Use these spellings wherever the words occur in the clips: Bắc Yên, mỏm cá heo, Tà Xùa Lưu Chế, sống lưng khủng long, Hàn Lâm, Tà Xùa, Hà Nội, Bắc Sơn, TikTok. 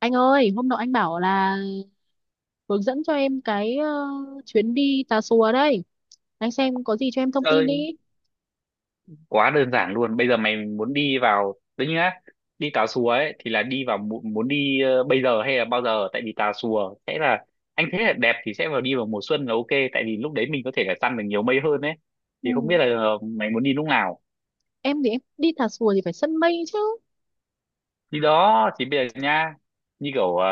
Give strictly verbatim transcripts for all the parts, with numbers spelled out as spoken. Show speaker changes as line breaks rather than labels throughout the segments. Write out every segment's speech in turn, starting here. Anh ơi, hôm nọ anh bảo là hướng dẫn cho em cái ờ, chuyến đi Tà Xùa đây. Anh xem có gì cho em thông tin
Chơi
đi.
quá đơn giản luôn. Bây giờ mày muốn đi vào đấy nhá, đi Tà Xùa ấy thì là đi vào mu- muốn đi ờ, bây giờ hay là bao giờ? Tại vì Tà Xùa sẽ là, anh thấy là đẹp thì sẽ vào, đi vào mùa xuân là ok. Tại vì lúc đấy mình có thể là săn được nhiều mây hơn ấy.
Ừ.
Thì không biết là ờ, mày muốn đi lúc nào?
Em thì em đi Tà Xùa thì phải săn mây chứ.
Đi đó thì bây giờ nha, như kiểu ờ,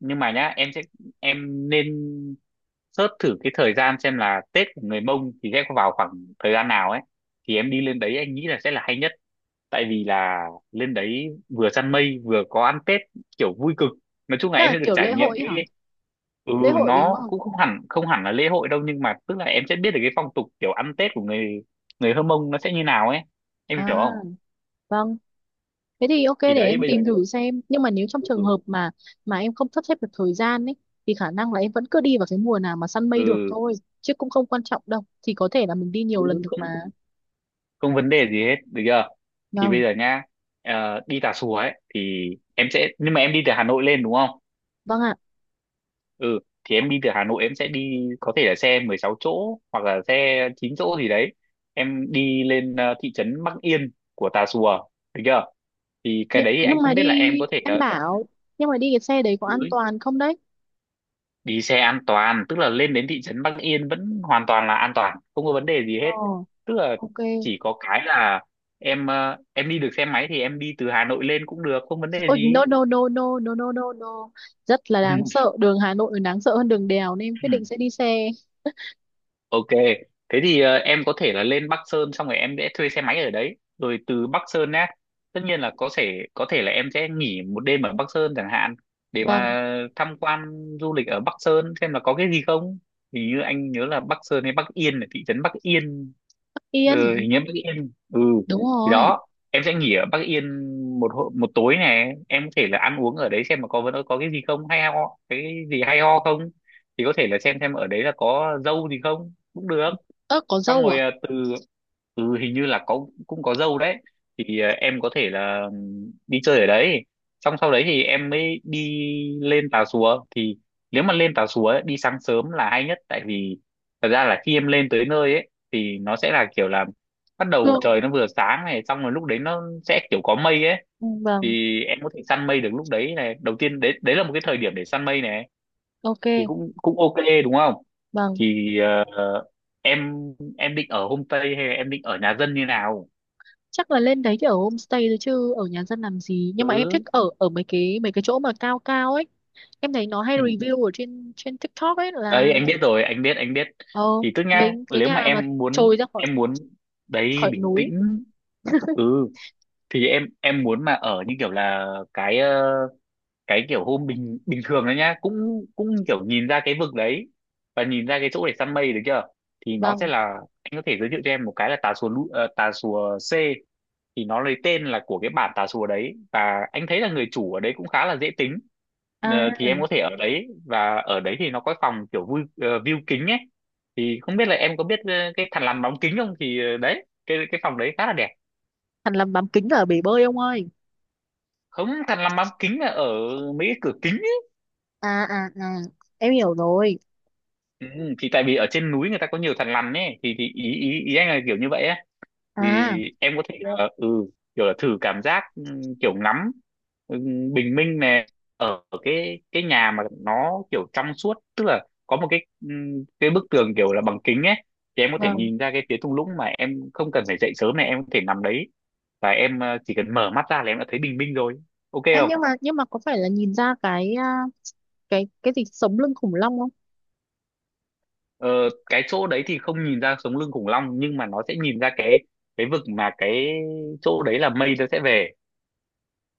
nhưng mà nhá, em sẽ, em nên search thử cái thời gian xem là Tết của người Mông thì sẽ vào khoảng thời gian nào ấy. Thì em đi lên đấy anh nghĩ là sẽ là hay nhất, tại vì là lên đấy vừa săn mây vừa có ăn Tết, kiểu vui cực. Nói chung là
Đó
em
là
sẽ được
kiểu
trải
lễ
nghiệm
hội ấy hả?
cái, ừ,
Lễ hội đúng
nó
không?
cũng không hẳn, không hẳn là lễ hội đâu, nhưng mà tức là em sẽ biết được cái phong tục kiểu ăn Tết của người, người Hơ Mông nó sẽ như nào ấy, em hiểu không?
À, vâng. Thế thì ok để
Thì đấy,
em
bây giờ
tìm
nhá,
thử xem. Nhưng mà nếu trong trường
ừ.
hợp mà mà em không sắp xếp được thời gian ấy thì khả năng là em vẫn cứ đi vào cái mùa nào mà săn mây được
ừ
thôi. Chứ cũng không quan trọng đâu. Thì có thể là mình đi nhiều lần
ừ,
được
không,
mà.
không vấn đề gì hết, được chưa? Thì
Vâng.
bây giờ nha, ờ, đi Tà Xùa ấy thì em sẽ, nhưng mà em đi từ Hà Nội lên đúng không?
Vâng ạ.
Ừ, thì em đi từ Hà Nội, em sẽ đi có thể là xe mười sáu chỗ hoặc là xe chín chỗ gì đấy. Em đi lên ờ, thị trấn Bắc Yên của Tà Xùa, được chưa? Thì cái
nhưng,
đấy anh
nhưng mà
không biết là
đi,
em có thể
em
là
bảo nhưng mà đi cái xe đấy có
cứ
an toàn không đấy?
đi xe an toàn, tức là lên đến thị trấn Bắc Yên vẫn hoàn toàn là an toàn, không có vấn đề gì
Ờ,
hết. Tức là
ok.
chỉ có cái là em, ờ, em đi được xe máy thì em đi từ Hà Nội lên cũng được, không vấn đề
Ôi,
gì.
no no no no no no no no, rất là đáng sợ, đường Hà Nội còn đáng sợ hơn đường đèo nên em quyết định sẽ đi xe.
Ok, thế thì ờ, em có thể là lên Bắc Sơn, xong rồi em sẽ thuê xe máy ở đấy, rồi từ Bắc Sơn á, tất nhiên là có thể, có thể là em sẽ nghỉ một đêm ở Bắc Sơn chẳng hạn, để
Vâng.
mà tham quan, du lịch ở Bắc Sơn xem là có cái gì không. Hình như anh nhớ là Bắc Sơn hay Bắc Yên, là thị trấn Bắc Yên, ừ,
Yên.
hình như Bắc Yên. Ừ,
Đúng
thì
rồi.
đó, em sẽ nghỉ ở Bắc Yên một hô- một tối này, em có thể là ăn uống ở đấy xem mà có vấn có cái gì không hay ho, cái gì hay ho không. Thì có thể là xem xem ở đấy là có dâu gì không cũng được.
Ơ có
Xong
dâu à?
rồi à, từ, ừ, hình như là có, cũng có dâu đấy. Thì à, em có thể là ừm, đi chơi ở đấy, xong sau đấy thì em mới đi lên Tà Xùa. Thì nếu mà lên Tà Xùa ấy, đi sáng sớm là hay nhất, tại vì thật ra là khi em lên tới nơi ấy thì nó sẽ là kiểu là bắt đầu
Vâng.
trời nó vừa sáng này, xong rồi lúc đấy nó sẽ kiểu có mây ấy.
Ừ, vâng.
Thì em có thể săn mây được lúc đấy này, đầu tiên đấy, đấy là một cái thời điểm để săn mây này,
Ok.
thì cũng, cũng ok, đúng không?
Vâng.
Thì ờ, em em định ở homestay hay là em định ở nhà dân như nào?
Chắc là lên đấy thì ở homestay thôi chứ ở nhà dân làm gì, nhưng mà em
Cứ
thích ở ở mấy cái mấy cái chỗ mà cao cao ấy. Em thấy nó hay
ừ.
review ở trên trên TikTok ấy là,
Đấy anh biết rồi, anh biết anh biết.
ờ,
Thì tức nhá,
mấy cái
nếu mà
nhà mà
em muốn,
trồi ra khỏi
em muốn, đấy
khỏi
bình
núi.
tĩnh, ừ, thì em em muốn mà ở như kiểu là cái ờ, cái kiểu hôm bình bình thường đấy nhá, cũng, cũng kiểu nhìn ra cái vực đấy và nhìn ra cái chỗ để săn mây, được chưa? Thì nó
Vâng.
sẽ là, anh có thể giới thiệu cho em một cái là tà xùa Lu- ờ, tà xùa C, thì nó lấy tên là của cái bản tà xùa đấy, và anh thấy là người chủ ở đấy cũng khá là dễ tính. Ờ,
À,
thì em có thể ở đấy, và ở đấy thì nó có phòng kiểu vui ờ, view kính ấy. Thì không biết là em có biết ờ, cái thằn lằn bóng kính không, thì ờ, đấy, cái cái phòng đấy khá là đẹp.
Hàn Lâm bám kính ở bể bơi ông ơi.
Không, thằn lằn bóng kính là ở mấy cái cửa kính ấy.
À à à, em hiểu rồi.
Ừ, thì tại vì ở trên núi người ta có nhiều thằn lằn ấy, thì thì ý ý ý anh là kiểu như vậy á. Thì
À,
em có thể là ừ, kiểu là thử cảm giác ừm, kiểu ngắm ừm, bình minh này, ở cái cái nhà mà nó kiểu trong suốt, tức là có một cái ừm, cái bức tường kiểu là bằng kính ấy. Thì em có thể
vâng.
nhìn ra cái phía thung lũng mà em không cần phải dậy sớm này, em có thể nằm đấy và em, ờ, chỉ cần mở mắt ra là em đã thấy bình minh rồi, ok
Ê, nhưng
không?
mà nhưng mà có phải là nhìn ra cái, à, cái cái gì sống lưng khủng long không?
ờ, cái chỗ đấy thì không nhìn ra sống lưng khủng long, nhưng mà nó sẽ nhìn ra cái cái vực, mà cái chỗ đấy là mây nó sẽ về,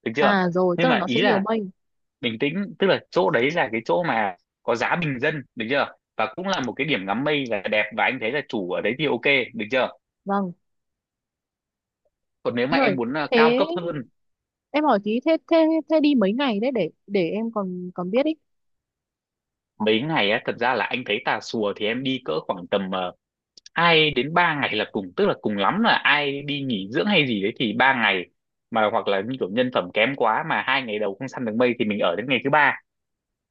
được chưa?
À rồi, tức
Nhưng
là
mà
nó sẽ
ý
nhiều
là
mây.
bình tĩnh, tức là chỗ đấy là cái chỗ mà có giá bình dân, được chưa, và cũng là một cái điểm ngắm mây là đẹp, và anh thấy là chủ ở đấy thì ok, được chưa?
Vâng.
Còn nếu mà em
Rồi.
muốn ờ, cao
Thế
cấp hơn.
em hỏi tí, thế thế thế đi mấy ngày đấy để để em còn còn biết ý.
Mấy ngày á, thật ra là anh thấy Tà Xùa thì em đi cỡ khoảng tầm ờ, hai đến ba ngày là cùng, tức là cùng lắm là ai đi nghỉ dưỡng hay gì đấy thì ba ngày, mà hoặc là như kiểu nhân phẩm kém quá mà hai ngày đầu không săn được mây thì mình ở đến ngày thứ ba.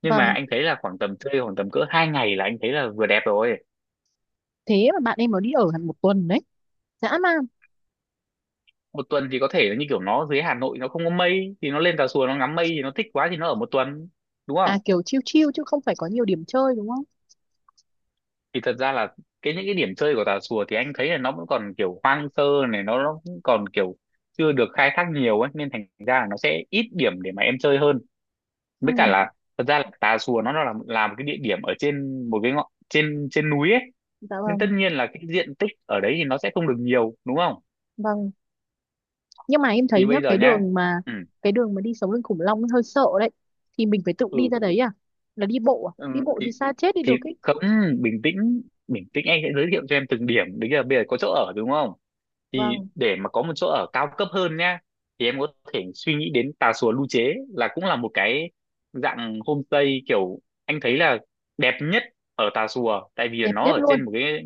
Nhưng mà
Vâng.
anh thấy là khoảng tầm chơi khoảng tầm cỡ hai ngày là anh thấy là vừa đẹp rồi.
Thế mà bạn em nó đi ở hẳn một tuần đấy. Dã man.
Một tuần thì có thể là như kiểu nó dưới Hà Nội nó không có mây thì nó lên Tà Xùa nó ngắm mây, thì nó thích quá thì nó ở một tuần, đúng không?
À kiểu chill chill chứ không phải có nhiều điểm chơi đúng không?
Thì thật ra là cái những cái điểm chơi của Tà Xùa thì anh thấy là nó vẫn còn kiểu hoang sơ này, nó, nó cũng còn kiểu chưa được khai thác nhiều ấy, nên thành ra là nó sẽ ít điểm để mà em chơi hơn. Với cả
Ừ,
là, thật ra là Tà Xùa nó là là một cái địa điểm ở trên một cái ngọn, trên trên núi ấy,
dạ
nên tất
vâng.
nhiên là cái diện tích ở đấy thì nó sẽ không được nhiều, đúng không?
Vâng. Nhưng mà em
Thì
thấy nhá,
bây giờ
cái
nhá,
đường mà
ừ,
cái đường mà đi sống lưng khủng long ấy hơi sợ đấy, thì mình phải tự
ừ.
đi ra đấy à? Là đi bộ à?
Ừ,
Đi bộ
thì
thì xa chết đi
thì
được ấy.
không, bình tĩnh, bình tĩnh, anh sẽ giới thiệu cho em từng điểm đấy. Là bây giờ có chỗ ở đúng không, thì
Vâng.
để mà có một chỗ ở cao cấp hơn nhá, thì em có thể suy nghĩ đến Tà Xùa Lưu Chế, là cũng là một cái dạng homestay kiểu anh thấy là đẹp nhất ở Tà Xùa, tại vì là
Đẹp
nó
nhất
ở
luôn.
trên một cái,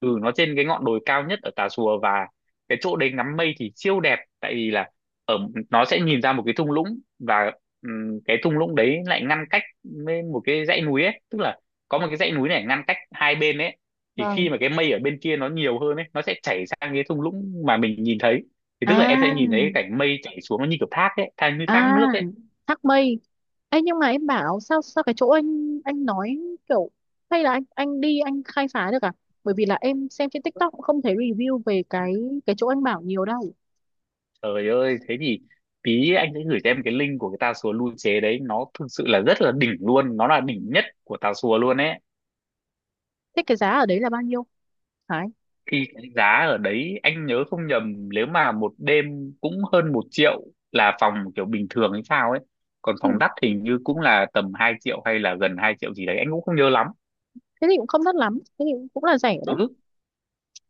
ừ, nó trên cái ngọn đồi cao nhất ở Tà Xùa. Và cái chỗ đấy ngắm mây thì siêu đẹp, tại vì là ở, nó sẽ nhìn ra một cái thung lũng, và ừm, cái thung lũng đấy lại ngăn cách với một cái dãy núi ấy, tức là có một cái dãy núi này ngăn cách hai bên ấy. Thì
Vâng.
khi mà cái mây ở bên kia nó nhiều hơn ấy, nó sẽ chảy sang cái thung lũng mà mình nhìn thấy. Thì tức là em sẽ nhìn thấy cái
À,
cảnh mây chảy xuống nó như kiểu thác ấy, thác như thác
à,
nước ấy.
thác mây. Ấy nhưng mà em bảo sao sao cái chỗ anh anh nói kiểu, hay là anh anh đi anh khai phá được à? Bởi vì là em xem trên TikTok cũng không thấy review về cái cái chỗ anh bảo nhiều đâu.
Trời ơi thế thì tí anh sẽ gửi cho em cái link của cái tà xùa lưu chế đấy, nó thực sự là rất là đỉnh luôn, nó là đỉnh nhất của tà xùa luôn ấy.
Thế cái giá ở đấy là bao nhiêu, Hải?
Khi cái giá ở đấy anh nhớ không nhầm, nếu mà một đêm cũng hơn một triệu, là phòng kiểu bình thường hay sao ấy, còn
Ừ.
phòng đắt hình như cũng là tầm hai triệu hay là gần hai triệu gì đấy, anh cũng không nhớ lắm.
Thế thì cũng không đắt lắm, thế thì cũng là rẻ
Ừ,
đấy.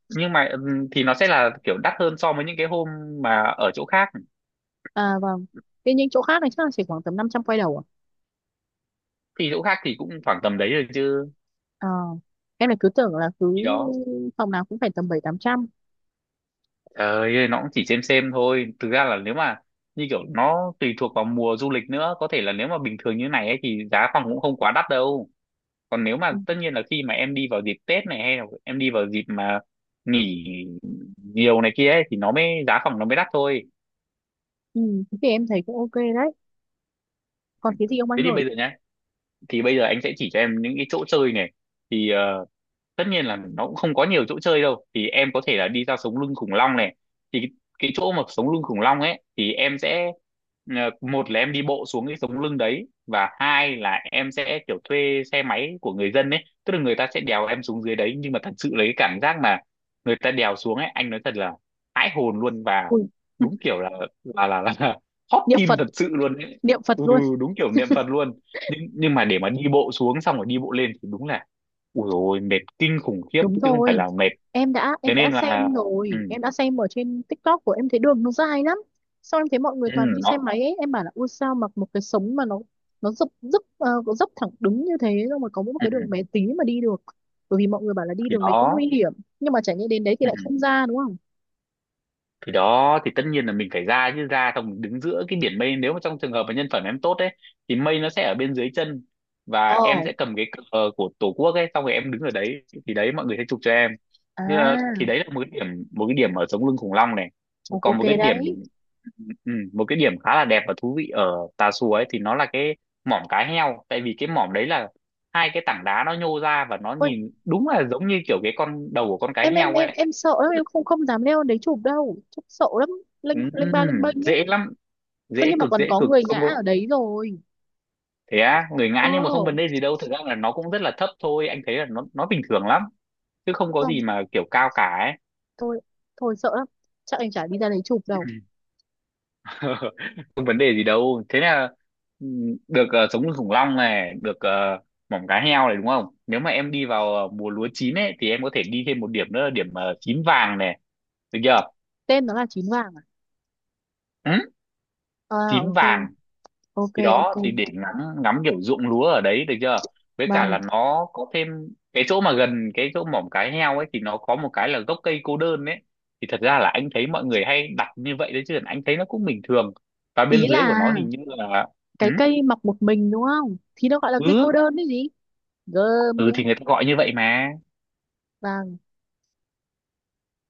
nhưng mà ừm, thì nó sẽ là kiểu đắt hơn so với những cái hôm mà ở chỗ khác.
À vâng. Thế những chỗ khác này chắc là chỉ khoảng tầm năm trăm quay đầu à?
Thì chỗ khác thì cũng khoảng tầm đấy rồi chứ.
Ờ. Em lại cứ tưởng là cứ
Thì đó,
phòng nào cũng phải tầm bảy tám trăm.
trời ơi, nó cũng chỉ xem xem thôi, thực ra là nếu mà như kiểu nó tùy thuộc vào mùa du lịch nữa, có thể là nếu mà bình thường như này ấy, thì giá phòng cũng không quá đắt đâu. Còn nếu mà
Ừ.
tất nhiên là khi mà em đi vào dịp Tết này hay là em đi vào dịp mà nghỉ nhiều này kia ấy, thì nó mới giá phòng nó mới đắt thôi.
Ừ, thế thì em thấy cũng ok đấy. Còn
Ừ.
cái gì ông anh
Thế thì
ơi?
bây giờ nhá, thì bây giờ anh sẽ chỉ cho em những cái chỗ chơi này. Thì ờ, tất nhiên là nó cũng không có nhiều chỗ chơi đâu, thì em có thể là đi ra sống lưng khủng long này. Thì cái, cái chỗ mà sống lưng khủng long ấy thì em sẽ ờ, một là em đi bộ xuống cái sống lưng đấy, và hai là em sẽ kiểu thuê xe máy của người dân ấy, tức là người ta sẽ đèo em xuống dưới đấy. Nhưng mà thật sự lấy cái cảm giác mà người ta đèo xuống ấy, anh nói thật là hãi hồn luôn. Và
Ui,
đúng kiểu là là là, là, là hot
niệm
tim
Phật,
thật sự luôn ấy.
niệm Phật
Ừ,
luôn.
đúng kiểu niệm Phật luôn. Nhưng nhưng mà để mà đi bộ xuống xong rồi đi bộ lên thì đúng là ui rồi, mệt kinh khủng khiếp
Đúng
chứ không phải
rồi.
là mệt.
em đã
Thế
em đã
nên là
xem
ừ,
rồi, em đã xem ở trên TikTok của em, thấy đường nó dài lắm. Sau em thấy mọi người
ừ,
toàn đi xe
nó
máy ấy, em bảo là ui sao mặc một cái sống mà nó nó dốc dốc ờ, có dốc thẳng đứng như thế, xong rồi có mỗi một
ừ,
cái đường bé tí mà đi được. Bởi vì mọi người bảo là đi
thì
đường đấy cũng nguy
đó.
hiểm, nhưng mà chả nhẽ đến đấy thì
Ừ.
lại không ra đúng không.
Thì đó, thì tất nhiên là mình phải ra chứ, ra xong mình đứng giữa cái biển mây. Nếu mà trong trường hợp mà nhân phẩm em tốt ấy thì mây nó sẽ ở bên dưới chân, và
Ờ.
em sẽ cầm cái cờ của tổ quốc ấy, xong rồi em đứng ở đấy thì đấy, mọi người sẽ chụp cho em. Nhưng mà,
À.
thì đấy là một cái điểm, một cái điểm ở sống lưng khủng long này.
Ồ,
Còn
ok
một cái điểm,
đấy.
ừ, một cái điểm khá là đẹp và thú vị ở Tà Xùa ấy, thì nó là cái mỏm cá heo. Tại vì cái mỏm đấy là hai cái tảng đá nó nhô ra, và nó
Ôi,
nhìn đúng là giống như kiểu cái con đầu của con cá
em em
heo
em
ấy.
em sợ lắm, em không không dám leo lên đấy chụp đâu, chụp sợ lắm. Lênh
Ừ,
lênh ba lênh bênh ấy.
dễ lắm,
Thế
dễ
nhưng mà
cực,
còn
dễ
có
cực,
người ngã
không có.
ở đấy rồi.
Thế á, người ngã nhưng mà không
Ồ,
vấn đề gì đâu, thực ra là nó cũng rất là thấp thôi, anh thấy là nó nó bình thường lắm, chứ không có
không,
gì mà kiểu cao cả ấy.
thôi thôi sợ lắm, chắc anh chả đi ra đấy chụp đâu.
Ừ. Không vấn đề gì đâu. Thế là ừ, được, ờ, sống lưng khủng long này được, ờ, mỏng cá heo này, đúng không? Nếu mà em đi vào ờ, mùa lúa chín ấy thì em có thể đi thêm một điểm nữa là điểm, ờ, tím vàng này, được chưa?
Tên nó là chín vàng à?
Ừ?
À,
Tím
ok
vàng.
ok
Thì đó,
ok.
thì để ngắm, ngắm kiểu ruộng lúa ở đấy, được chưa? Với cả
Vâng.
là nó có thêm cái chỗ mà gần cái chỗ mỏm cái heo ấy, thì nó có một cái là gốc cây cô đơn ấy. Thì thật ra là anh thấy mọi người hay đặt như vậy đấy, chứ anh thấy nó cũng bình thường. Và
Ý
bên dưới của
là
nó hình như là ừ,
cái cây mọc một mình đúng không thì nó gọi là cây cô
ừ,
đơn đấy gì. Gơm
ừ
nữa.
thì người ta gọi như vậy mà,
Vàng.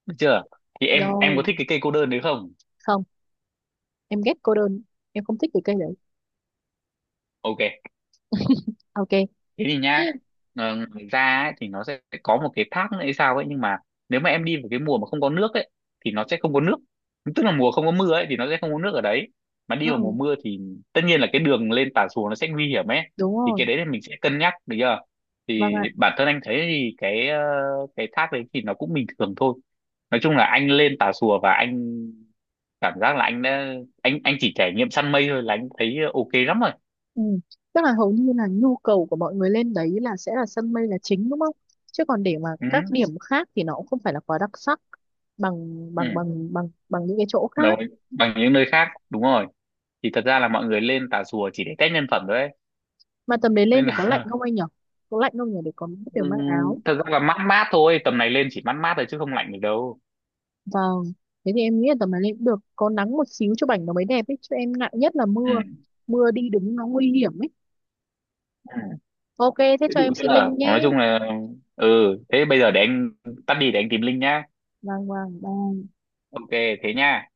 được chưa? Thì em em
Rồi.
có thích cái cây cô đơn đấy không?
Không, em ghét cô đơn, em không thích cái cây đấy.
Ok.
Ok.
Thế thì nhá, ờ, ngoài ra ấy, thì nó sẽ có một cái thác nữa hay sao ấy. Nhưng mà nếu mà em đi vào cái mùa mà không có nước ấy thì nó sẽ không có nước, tức là mùa không có mưa ấy thì nó sẽ không có nước ở đấy. Mà đi vào mùa
Ừ,
mưa thì tất nhiên là cái đường lên Tà Xùa nó sẽ nguy hiểm ấy.
đúng
Thì cái
rồi.
đấy thì mình sẽ cân nhắc, được chưa?
Vâng
Thì
ạ.
bản thân anh thấy thì cái, ờ, cái thác đấy thì nó cũng bình thường thôi. Nói chung là anh lên Tà Xùa và anh cảm giác là anh đã, anh anh chỉ trải nghiệm săn mây thôi là anh thấy ok lắm rồi.
Ừ. Tức là hầu như là nhu cầu của mọi người lên đấy là sẽ là sân mây là chính đúng không, chứ còn để mà
Ừ,
các điểm khác thì nó cũng không phải là quá đặc sắc bằng
ừ.
bằng bằng bằng bằng những cái chỗ
Đồng
khác.
ý, bằng những nơi khác, đúng rồi. Thì thật ra là mọi người lên Tà Xùa chỉ để test nhân phẩm thôi ấy.
Mà tầm đấy lên
Nên
thì có lạnh
là
không anh nhỉ? Có lạnh không nhỉ để có kiểu mang áo.
ừm, thật ra là mát mát thôi, tầm này lên chỉ mát mát thôi chứ không lạnh được đâu.
Vâng. Thế thì em nghĩ là tầm này lên cũng được. Có nắng một xíu cho bảnh nó mới đẹp ấy. Chứ em ngại nhất là
Ừ.
mưa. Mưa đi đứng nó nguy hiểm ấy.
Ừ.
Ok, thế
Thế
cho em
đủ chứ,
xin
là
link
nói
nhé.
chung là ừ, thế bây giờ để anh tắt đi để anh tìm link nhá.
Vâng, vâng, bye.
Ok, thế nha.